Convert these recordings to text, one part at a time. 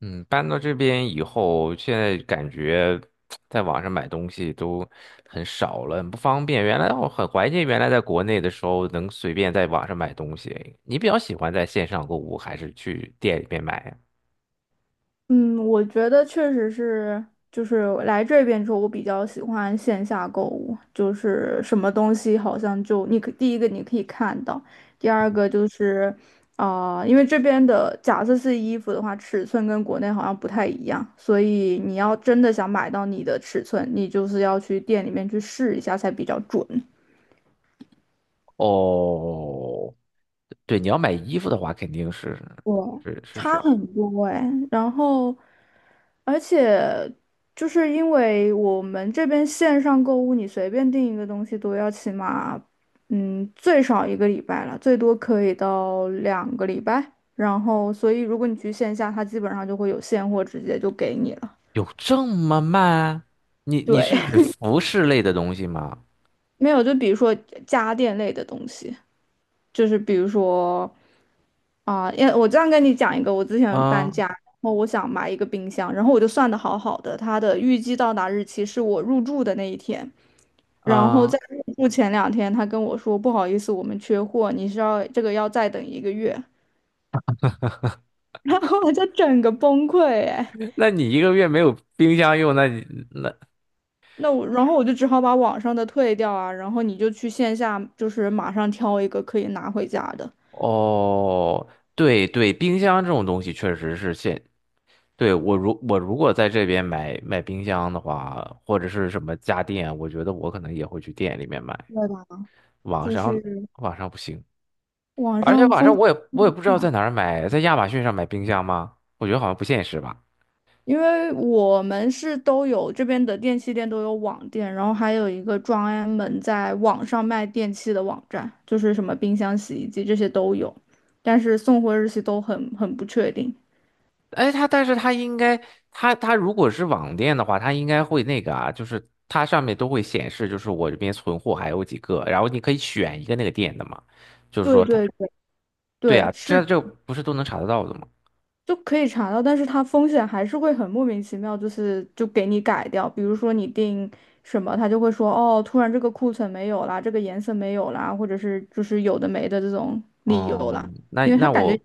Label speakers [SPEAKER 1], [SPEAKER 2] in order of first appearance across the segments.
[SPEAKER 1] 嗯，搬到这边以后，现在感觉在网上买东西都很少了，很不方便。原来我很怀念原来在国内的时候能随便在网上买东西。你比较喜欢在线上购物，还是去店里面买呀？
[SPEAKER 2] 嗯，我觉得确实是，就是来这边之后，我比较喜欢线下购物，就是什么东西好像就你可第一个你可以看到，第二个就是，因为这边的假设是衣服的话，尺寸跟国内好像不太一样，所以你要真的想买到你的尺寸，你就是要去店里面去试一下才比较准。
[SPEAKER 1] 哦，对，你要买衣服的话，肯定是。
[SPEAKER 2] 对，
[SPEAKER 1] 是是是，
[SPEAKER 2] 差很多哎。然后，而且就是因为我们这边线上购物，你随便订一个东西都要起码，最少1个礼拜了，最多可以到2个礼拜。然后，所以如果你去线下，它基本上就会有现货直接就给你了。
[SPEAKER 1] 有这么慢？你
[SPEAKER 2] 对，
[SPEAKER 1] 是指服饰类的东西吗？
[SPEAKER 2] 没有，就比如说家电类的东西，就是比如说。啊，因为我这样跟你讲一个，我之前搬
[SPEAKER 1] 啊
[SPEAKER 2] 家，然后我想买一个冰箱，然后我就算的好好的，它的预计到达日期是我入住的那一天，然后
[SPEAKER 1] 啊，
[SPEAKER 2] 在入住前两天，他跟我说不好意思，我们缺货，你是要这个要再等一个月，然后我就整个崩溃哎。
[SPEAKER 1] 那你1个月没有冰箱用，那你那。
[SPEAKER 2] 那我然后我就只好把网上的退掉啊，然后你就去线下就是马上挑一个可以拿回家的，
[SPEAKER 1] 哦，对对，冰箱这种东西确实是现，对，我如果在这边买冰箱的话，或者是什么家电，我觉得我可能也会去店里面买，
[SPEAKER 2] 对吧？
[SPEAKER 1] 网
[SPEAKER 2] 就
[SPEAKER 1] 上。
[SPEAKER 2] 是
[SPEAKER 1] 网上不行，
[SPEAKER 2] 网
[SPEAKER 1] 而且
[SPEAKER 2] 上
[SPEAKER 1] 网上
[SPEAKER 2] 风。
[SPEAKER 1] 我也
[SPEAKER 2] 嗯，
[SPEAKER 1] 不知道在哪儿买，在亚马逊上买冰箱吗？我觉得好像不现实吧。
[SPEAKER 2] 因为我们是都有这边的电器店都有网店，然后还有一个专门在网上卖电器的网站，就是什么冰箱、洗衣机这些都有，但是送货日期都很不确定。
[SPEAKER 1] 哎，它但是它应该，它如果是网店的话，它应该会那个啊，就是它上面都会显示，就是我这边存货还有几个，然后你可以选一个那个店的嘛，就是说
[SPEAKER 2] 对
[SPEAKER 1] 它。
[SPEAKER 2] 对对
[SPEAKER 1] 对
[SPEAKER 2] 对，
[SPEAKER 1] 啊，
[SPEAKER 2] 是，
[SPEAKER 1] 这不是都能查得到的吗？
[SPEAKER 2] 就可以查到，但是它风险还是会很莫名其妙，就是就给你改掉。比如说你定什么，他就会说哦，突然这个库存没有啦，这个颜色没有啦，或者是就是有的没的这种理由
[SPEAKER 1] 哦，
[SPEAKER 2] 啦，
[SPEAKER 1] 那
[SPEAKER 2] 因为他
[SPEAKER 1] 那
[SPEAKER 2] 感觉
[SPEAKER 1] 我，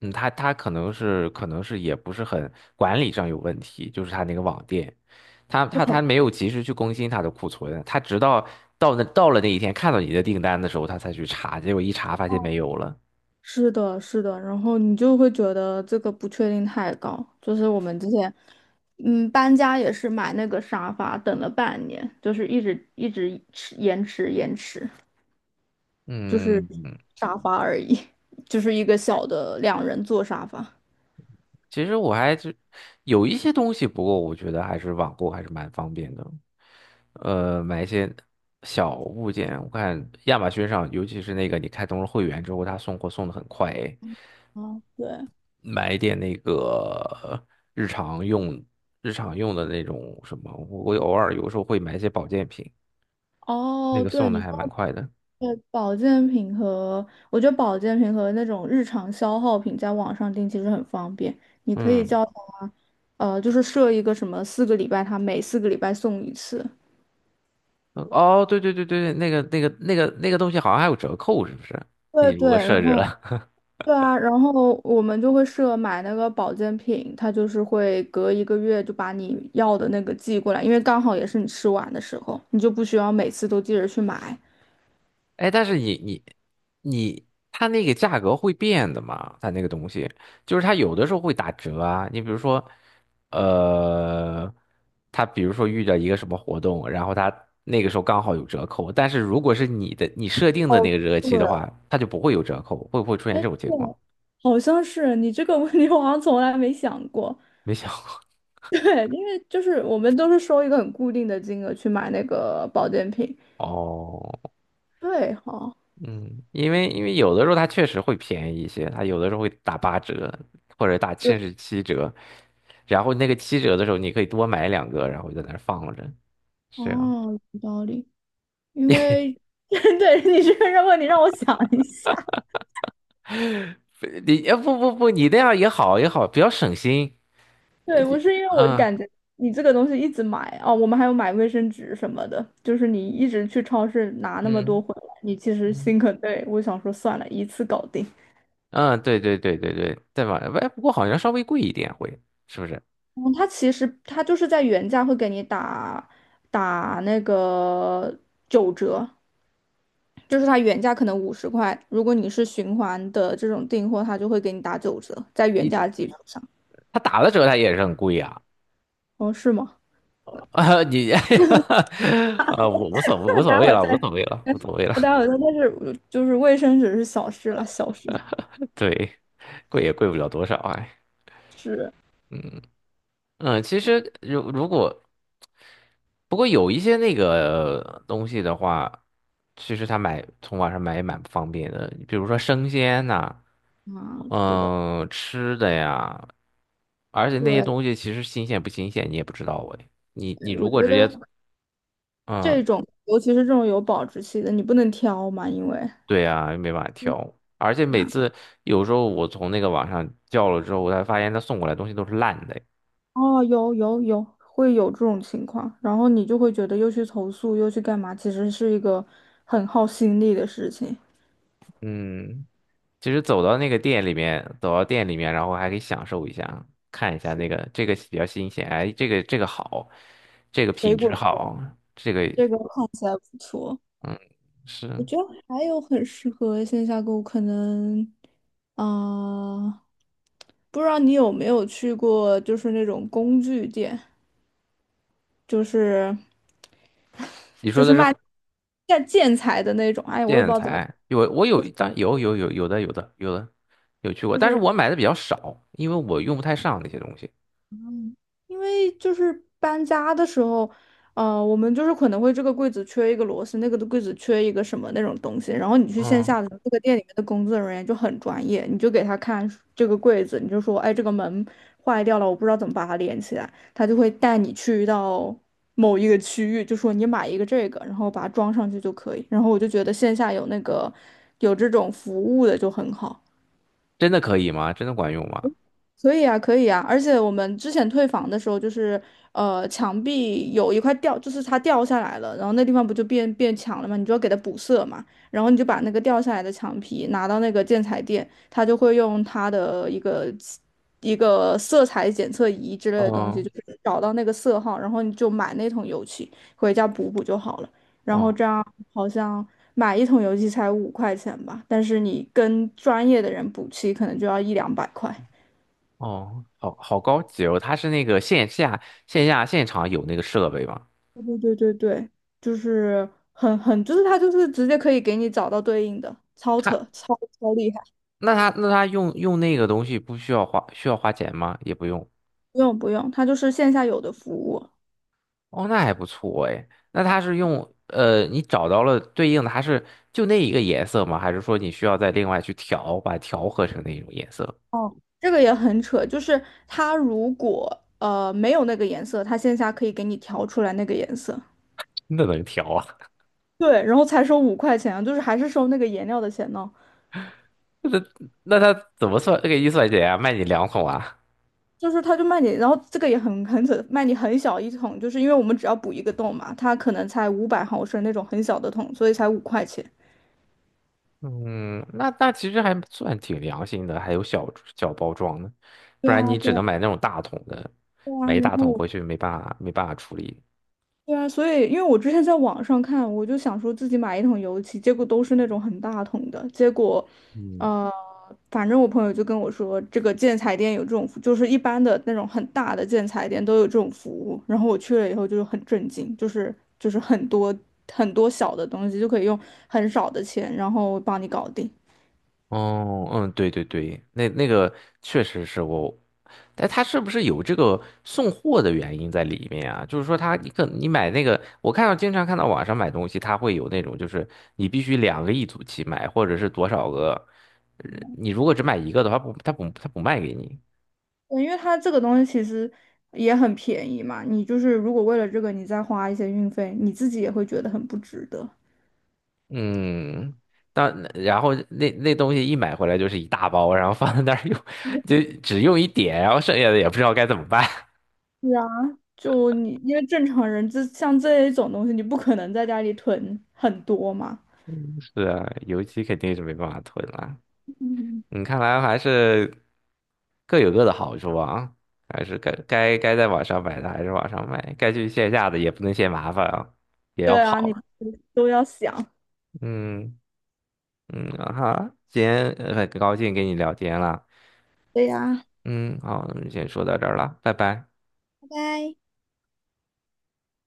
[SPEAKER 1] 嗯，他他可能是也不是很管理上有问题，就是他那个网店，他
[SPEAKER 2] 不
[SPEAKER 1] 他
[SPEAKER 2] 很。
[SPEAKER 1] 他没有及时去更新他的库存，他直到到那到了那一天看到你的订单的时候，他才去查，结果一查发现没有了。
[SPEAKER 2] 是的，是的，然后你就会觉得这个不确定太高。就是我们之前，搬家也是买那个沙发，等了半年，就是一直迟延迟，就是
[SPEAKER 1] 嗯，
[SPEAKER 2] 沙发而已，就是一个小的2人座沙发。
[SPEAKER 1] 其实我还是有一些东西，不过我觉得还是网购还是蛮方便的。买一些小物件，我看亚马逊上，尤其是那个你开通了会员之后，他送货送的很快诶。
[SPEAKER 2] 哦，对，
[SPEAKER 1] 买一点那个日常用、日常用的那种什么，我偶尔有时候会买一些保健品，那
[SPEAKER 2] 哦，
[SPEAKER 1] 个
[SPEAKER 2] 对，
[SPEAKER 1] 送的
[SPEAKER 2] 你
[SPEAKER 1] 还蛮
[SPEAKER 2] 说。
[SPEAKER 1] 快的。
[SPEAKER 2] 对，保健品和我觉得保健品和那种日常消耗品在网上订其实很方便，你可以
[SPEAKER 1] 嗯，
[SPEAKER 2] 叫它，就是设一个什么四个礼拜，它每四个礼拜送一次。
[SPEAKER 1] 对对对对，那个东西好像还有折扣，是不是？你
[SPEAKER 2] 对
[SPEAKER 1] 如
[SPEAKER 2] 对，
[SPEAKER 1] 果
[SPEAKER 2] 然
[SPEAKER 1] 设置
[SPEAKER 2] 后
[SPEAKER 1] 了。
[SPEAKER 2] 对啊，然后我们就会设买那个保健品，它就是会隔一个月就把你要的那个寄过来，因为刚好也是你吃完的时候，你就不需要每次都记着去买。
[SPEAKER 1] 哎，但是你，它那个价格会变的嘛？它那个东西，就是它有的时候会打折啊。你比如说，呃，它比如说遇到一个什么活动，然后它那个时候刚好有折扣，但是如果是你的你设定的
[SPEAKER 2] 哦，
[SPEAKER 1] 那个日
[SPEAKER 2] 对，
[SPEAKER 1] 期的话，它就不会有折扣，会不会出现
[SPEAKER 2] 哎，
[SPEAKER 1] 这种情
[SPEAKER 2] 对，
[SPEAKER 1] 况？
[SPEAKER 2] 好像是你这个问题，我好像从来没想过。
[SPEAKER 1] 没想
[SPEAKER 2] 对，因为就是我们都是收一个很固定的金额去买那个保健品。
[SPEAKER 1] 过哦。
[SPEAKER 2] 对哈，
[SPEAKER 1] 嗯，因为有的时候它确实会便宜一些，它有的时候会打八折或者打
[SPEAKER 2] 对
[SPEAKER 1] 甚至七折，然后那个七折的时候你可以多买两个，然后就在那儿放着，是啊，
[SPEAKER 2] 哦，有道理。因为 对你这个问你让我想一下，
[SPEAKER 1] 你不，你那样也好也好，比较省心。
[SPEAKER 2] 对我是因为我就
[SPEAKER 1] 嗯
[SPEAKER 2] 感觉你这个东西一直买哦，我们还有买卫生纸什么的，就是你一直去超市拿那么多
[SPEAKER 1] 嗯
[SPEAKER 2] 回来，你其实
[SPEAKER 1] 嗯，
[SPEAKER 2] 心很累。我想说算了，一次搞定。
[SPEAKER 1] 嗯，对对对对对，对吧？哎，不过好像稍微贵一点会，是不是？
[SPEAKER 2] 嗯，它其实它就是在原价会给你打那个九折，就是它原价可能50块，如果你是循环的这种订货，它就会给你打九折，在原
[SPEAKER 1] 你
[SPEAKER 2] 价基础上。
[SPEAKER 1] 他打了折他也是很贵啊，啊。
[SPEAKER 2] 哦，是吗？
[SPEAKER 1] 你 啊，我无所 谓
[SPEAKER 2] 那
[SPEAKER 1] 无
[SPEAKER 2] 待
[SPEAKER 1] 所
[SPEAKER 2] 会
[SPEAKER 1] 谓
[SPEAKER 2] 儿
[SPEAKER 1] 了，无
[SPEAKER 2] 再，
[SPEAKER 1] 所谓了，无所谓了。
[SPEAKER 2] 那待会儿再，但是就是卫生纸是小事了，小事
[SPEAKER 1] 对，贵也贵不了多少哎，
[SPEAKER 2] 是
[SPEAKER 1] 嗯其实如果不过有一些那个东西的话，其实他买从网上买也蛮不方便的，比如说生鲜呐、
[SPEAKER 2] 啊，是的，
[SPEAKER 1] 嗯，吃的呀，而且那些
[SPEAKER 2] 对，
[SPEAKER 1] 东西其实新鲜不新鲜你也不知道哎，你
[SPEAKER 2] 我
[SPEAKER 1] 如果
[SPEAKER 2] 觉
[SPEAKER 1] 直接。
[SPEAKER 2] 得这
[SPEAKER 1] 嗯，
[SPEAKER 2] 种，尤其是这种有保质期的，你不能挑嘛，因为
[SPEAKER 1] 对呀，没办法挑，而且每
[SPEAKER 2] 啊，
[SPEAKER 1] 次有时候我从那个网上叫了之后，我才发现他送过来的东西都是烂的哎。
[SPEAKER 2] 哦，有，会有这种情况，然后你就会觉得又去投诉，又去干嘛，其实是一个很耗心力的事情。
[SPEAKER 1] 嗯。其实走到那个店里面，走到店里面，然后还可以享受一下，看一下那个这个比较新鲜，哎，这个这个好，这个
[SPEAKER 2] 水
[SPEAKER 1] 品质
[SPEAKER 2] 果的
[SPEAKER 1] 好，这个。
[SPEAKER 2] 这个看起来不错。
[SPEAKER 1] 嗯，
[SPEAKER 2] 我
[SPEAKER 1] 是。
[SPEAKER 2] 觉得还有很适合线下购物，可能，啊、不知道你有没有去过，就是那种工具店，就是
[SPEAKER 1] 你说
[SPEAKER 2] 就是
[SPEAKER 1] 的是
[SPEAKER 2] 卖建材的那种，哎，我也不知
[SPEAKER 1] 建
[SPEAKER 2] 道怎么，
[SPEAKER 1] 材，有我有，有有有有的有的有的有去过，
[SPEAKER 2] 就
[SPEAKER 1] 但是
[SPEAKER 2] 是
[SPEAKER 1] 我买的比较少，因为我用不太上那些东西。
[SPEAKER 2] 嗯，因为就是搬家的时候，我们就是可能会这个柜子缺一个螺丝，那个的柜子缺一个什么那种东西，然后你去线
[SPEAKER 1] 嗯，
[SPEAKER 2] 下的这个店里面的工作人员就很专业，你就给他看这个柜子，你就说，哎，这个门坏掉了，我不知道怎么把它连起来，他就会带你去到某一个区域，就说你买一个这个，然后把它装上去就可以。然后我就觉得线下有那个有这种服务的就很好。
[SPEAKER 1] 真的可以吗？真的管用吗？
[SPEAKER 2] 可以啊，可以啊，而且我们之前退房的时候，就是墙壁有一块掉，就是它掉下来了，然后那地方不就变变墙了嘛，你就要给它补色嘛，然后你就把那个掉下来的墙皮拿到那个建材店，他就会用他的一个色彩检测仪之类的东西，
[SPEAKER 1] 嗯
[SPEAKER 2] 就是找到那个色号，然后你就买那桶油漆回家补补就好了，然后
[SPEAKER 1] 哦
[SPEAKER 2] 这样好像。买一桶油漆才五块钱吧，但是你跟专业的人补漆，可能就要1、200块。
[SPEAKER 1] 哦，好好高级哦，它是那个线下现场有那个设备吗？
[SPEAKER 2] 对，就是很很，就是它就是直接可以给你找到对应的，超扯，
[SPEAKER 1] 它。
[SPEAKER 2] 超厉害。
[SPEAKER 1] 那他那他用那个东西不需要需要花钱吗？也不用。
[SPEAKER 2] 不用，它就是线下有的服务。
[SPEAKER 1] 哦，那还不错哎。那他是用你找到了对应的，它是就那一个颜色吗？还是说你需要再另外去调，把它调和成那种颜色？
[SPEAKER 2] 哦，这个也很扯，就是它如果没有那个颜色，它线下可以给你调出来那个颜色。
[SPEAKER 1] 那能调啊？
[SPEAKER 2] 对，然后才收五块钱啊就是还是收那个颜料的钱呢。
[SPEAKER 1] 那那他怎么算给预算钱啊？卖你两桶啊？
[SPEAKER 2] 就是他就卖你，然后这个也很很扯，卖你很小一桶，就是因为我们只要补一个洞嘛，它可能才500毫升那种很小的桶，所以才五块钱。
[SPEAKER 1] 嗯，那那其实还算挺良心的，还有小小包装的，不
[SPEAKER 2] 对
[SPEAKER 1] 然
[SPEAKER 2] 啊，
[SPEAKER 1] 你只
[SPEAKER 2] 对啊，
[SPEAKER 1] 能买那种大桶的，
[SPEAKER 2] 对
[SPEAKER 1] 买
[SPEAKER 2] 啊，
[SPEAKER 1] 一
[SPEAKER 2] 然
[SPEAKER 1] 大桶
[SPEAKER 2] 后。
[SPEAKER 1] 回去没办法处理。
[SPEAKER 2] 对啊，所以因为我之前在网上看，我就想说自己买一桶油漆，结果都是那种很大桶的。结果，
[SPEAKER 1] 嗯，
[SPEAKER 2] 呃，反正我朋友就跟我说，这个建材店有这种服，就是一般的那种很大的建材店都有这种服务。然后我去了以后就是很震惊，就是很多很多小的东西就可以用很少的钱，然后帮你搞定。
[SPEAKER 1] 哦，嗯，对对对，那那个确实是我，但他是不是有这个送货的原因在里面啊？就是说他你可你买那个，我看到经常看到网上买东西，他会有那种就是你必须两个一组去买，或者是多少个，你如果只买一个的话，不，他不卖给你。
[SPEAKER 2] 对，因为它这个东西其实也很便宜嘛，你就是如果为了这个你再花一些运费，你自己也会觉得很不值得。
[SPEAKER 1] 嗯，但然后那那东西一买回来就是一大包，然后放在那儿用，就只用一点，然后剩下的也不知道该怎么办。
[SPEAKER 2] 是啊，就你因为正常人这像这一种东西，你不可能在家里囤很多嘛。
[SPEAKER 1] 是啊，油漆肯定是没办法囤了。
[SPEAKER 2] 嗯，
[SPEAKER 1] 你看来还是各有各的好处啊，还是该在网上买的还是网上买，该去线下的也不能嫌麻烦啊，也要
[SPEAKER 2] 对啊，你
[SPEAKER 1] 跑。
[SPEAKER 2] 都要想。
[SPEAKER 1] 嗯嗯啊哈，今天很高兴跟你聊天了。
[SPEAKER 2] 对呀，
[SPEAKER 1] 嗯，好，那么先说到这儿了，拜拜。
[SPEAKER 2] 拜拜。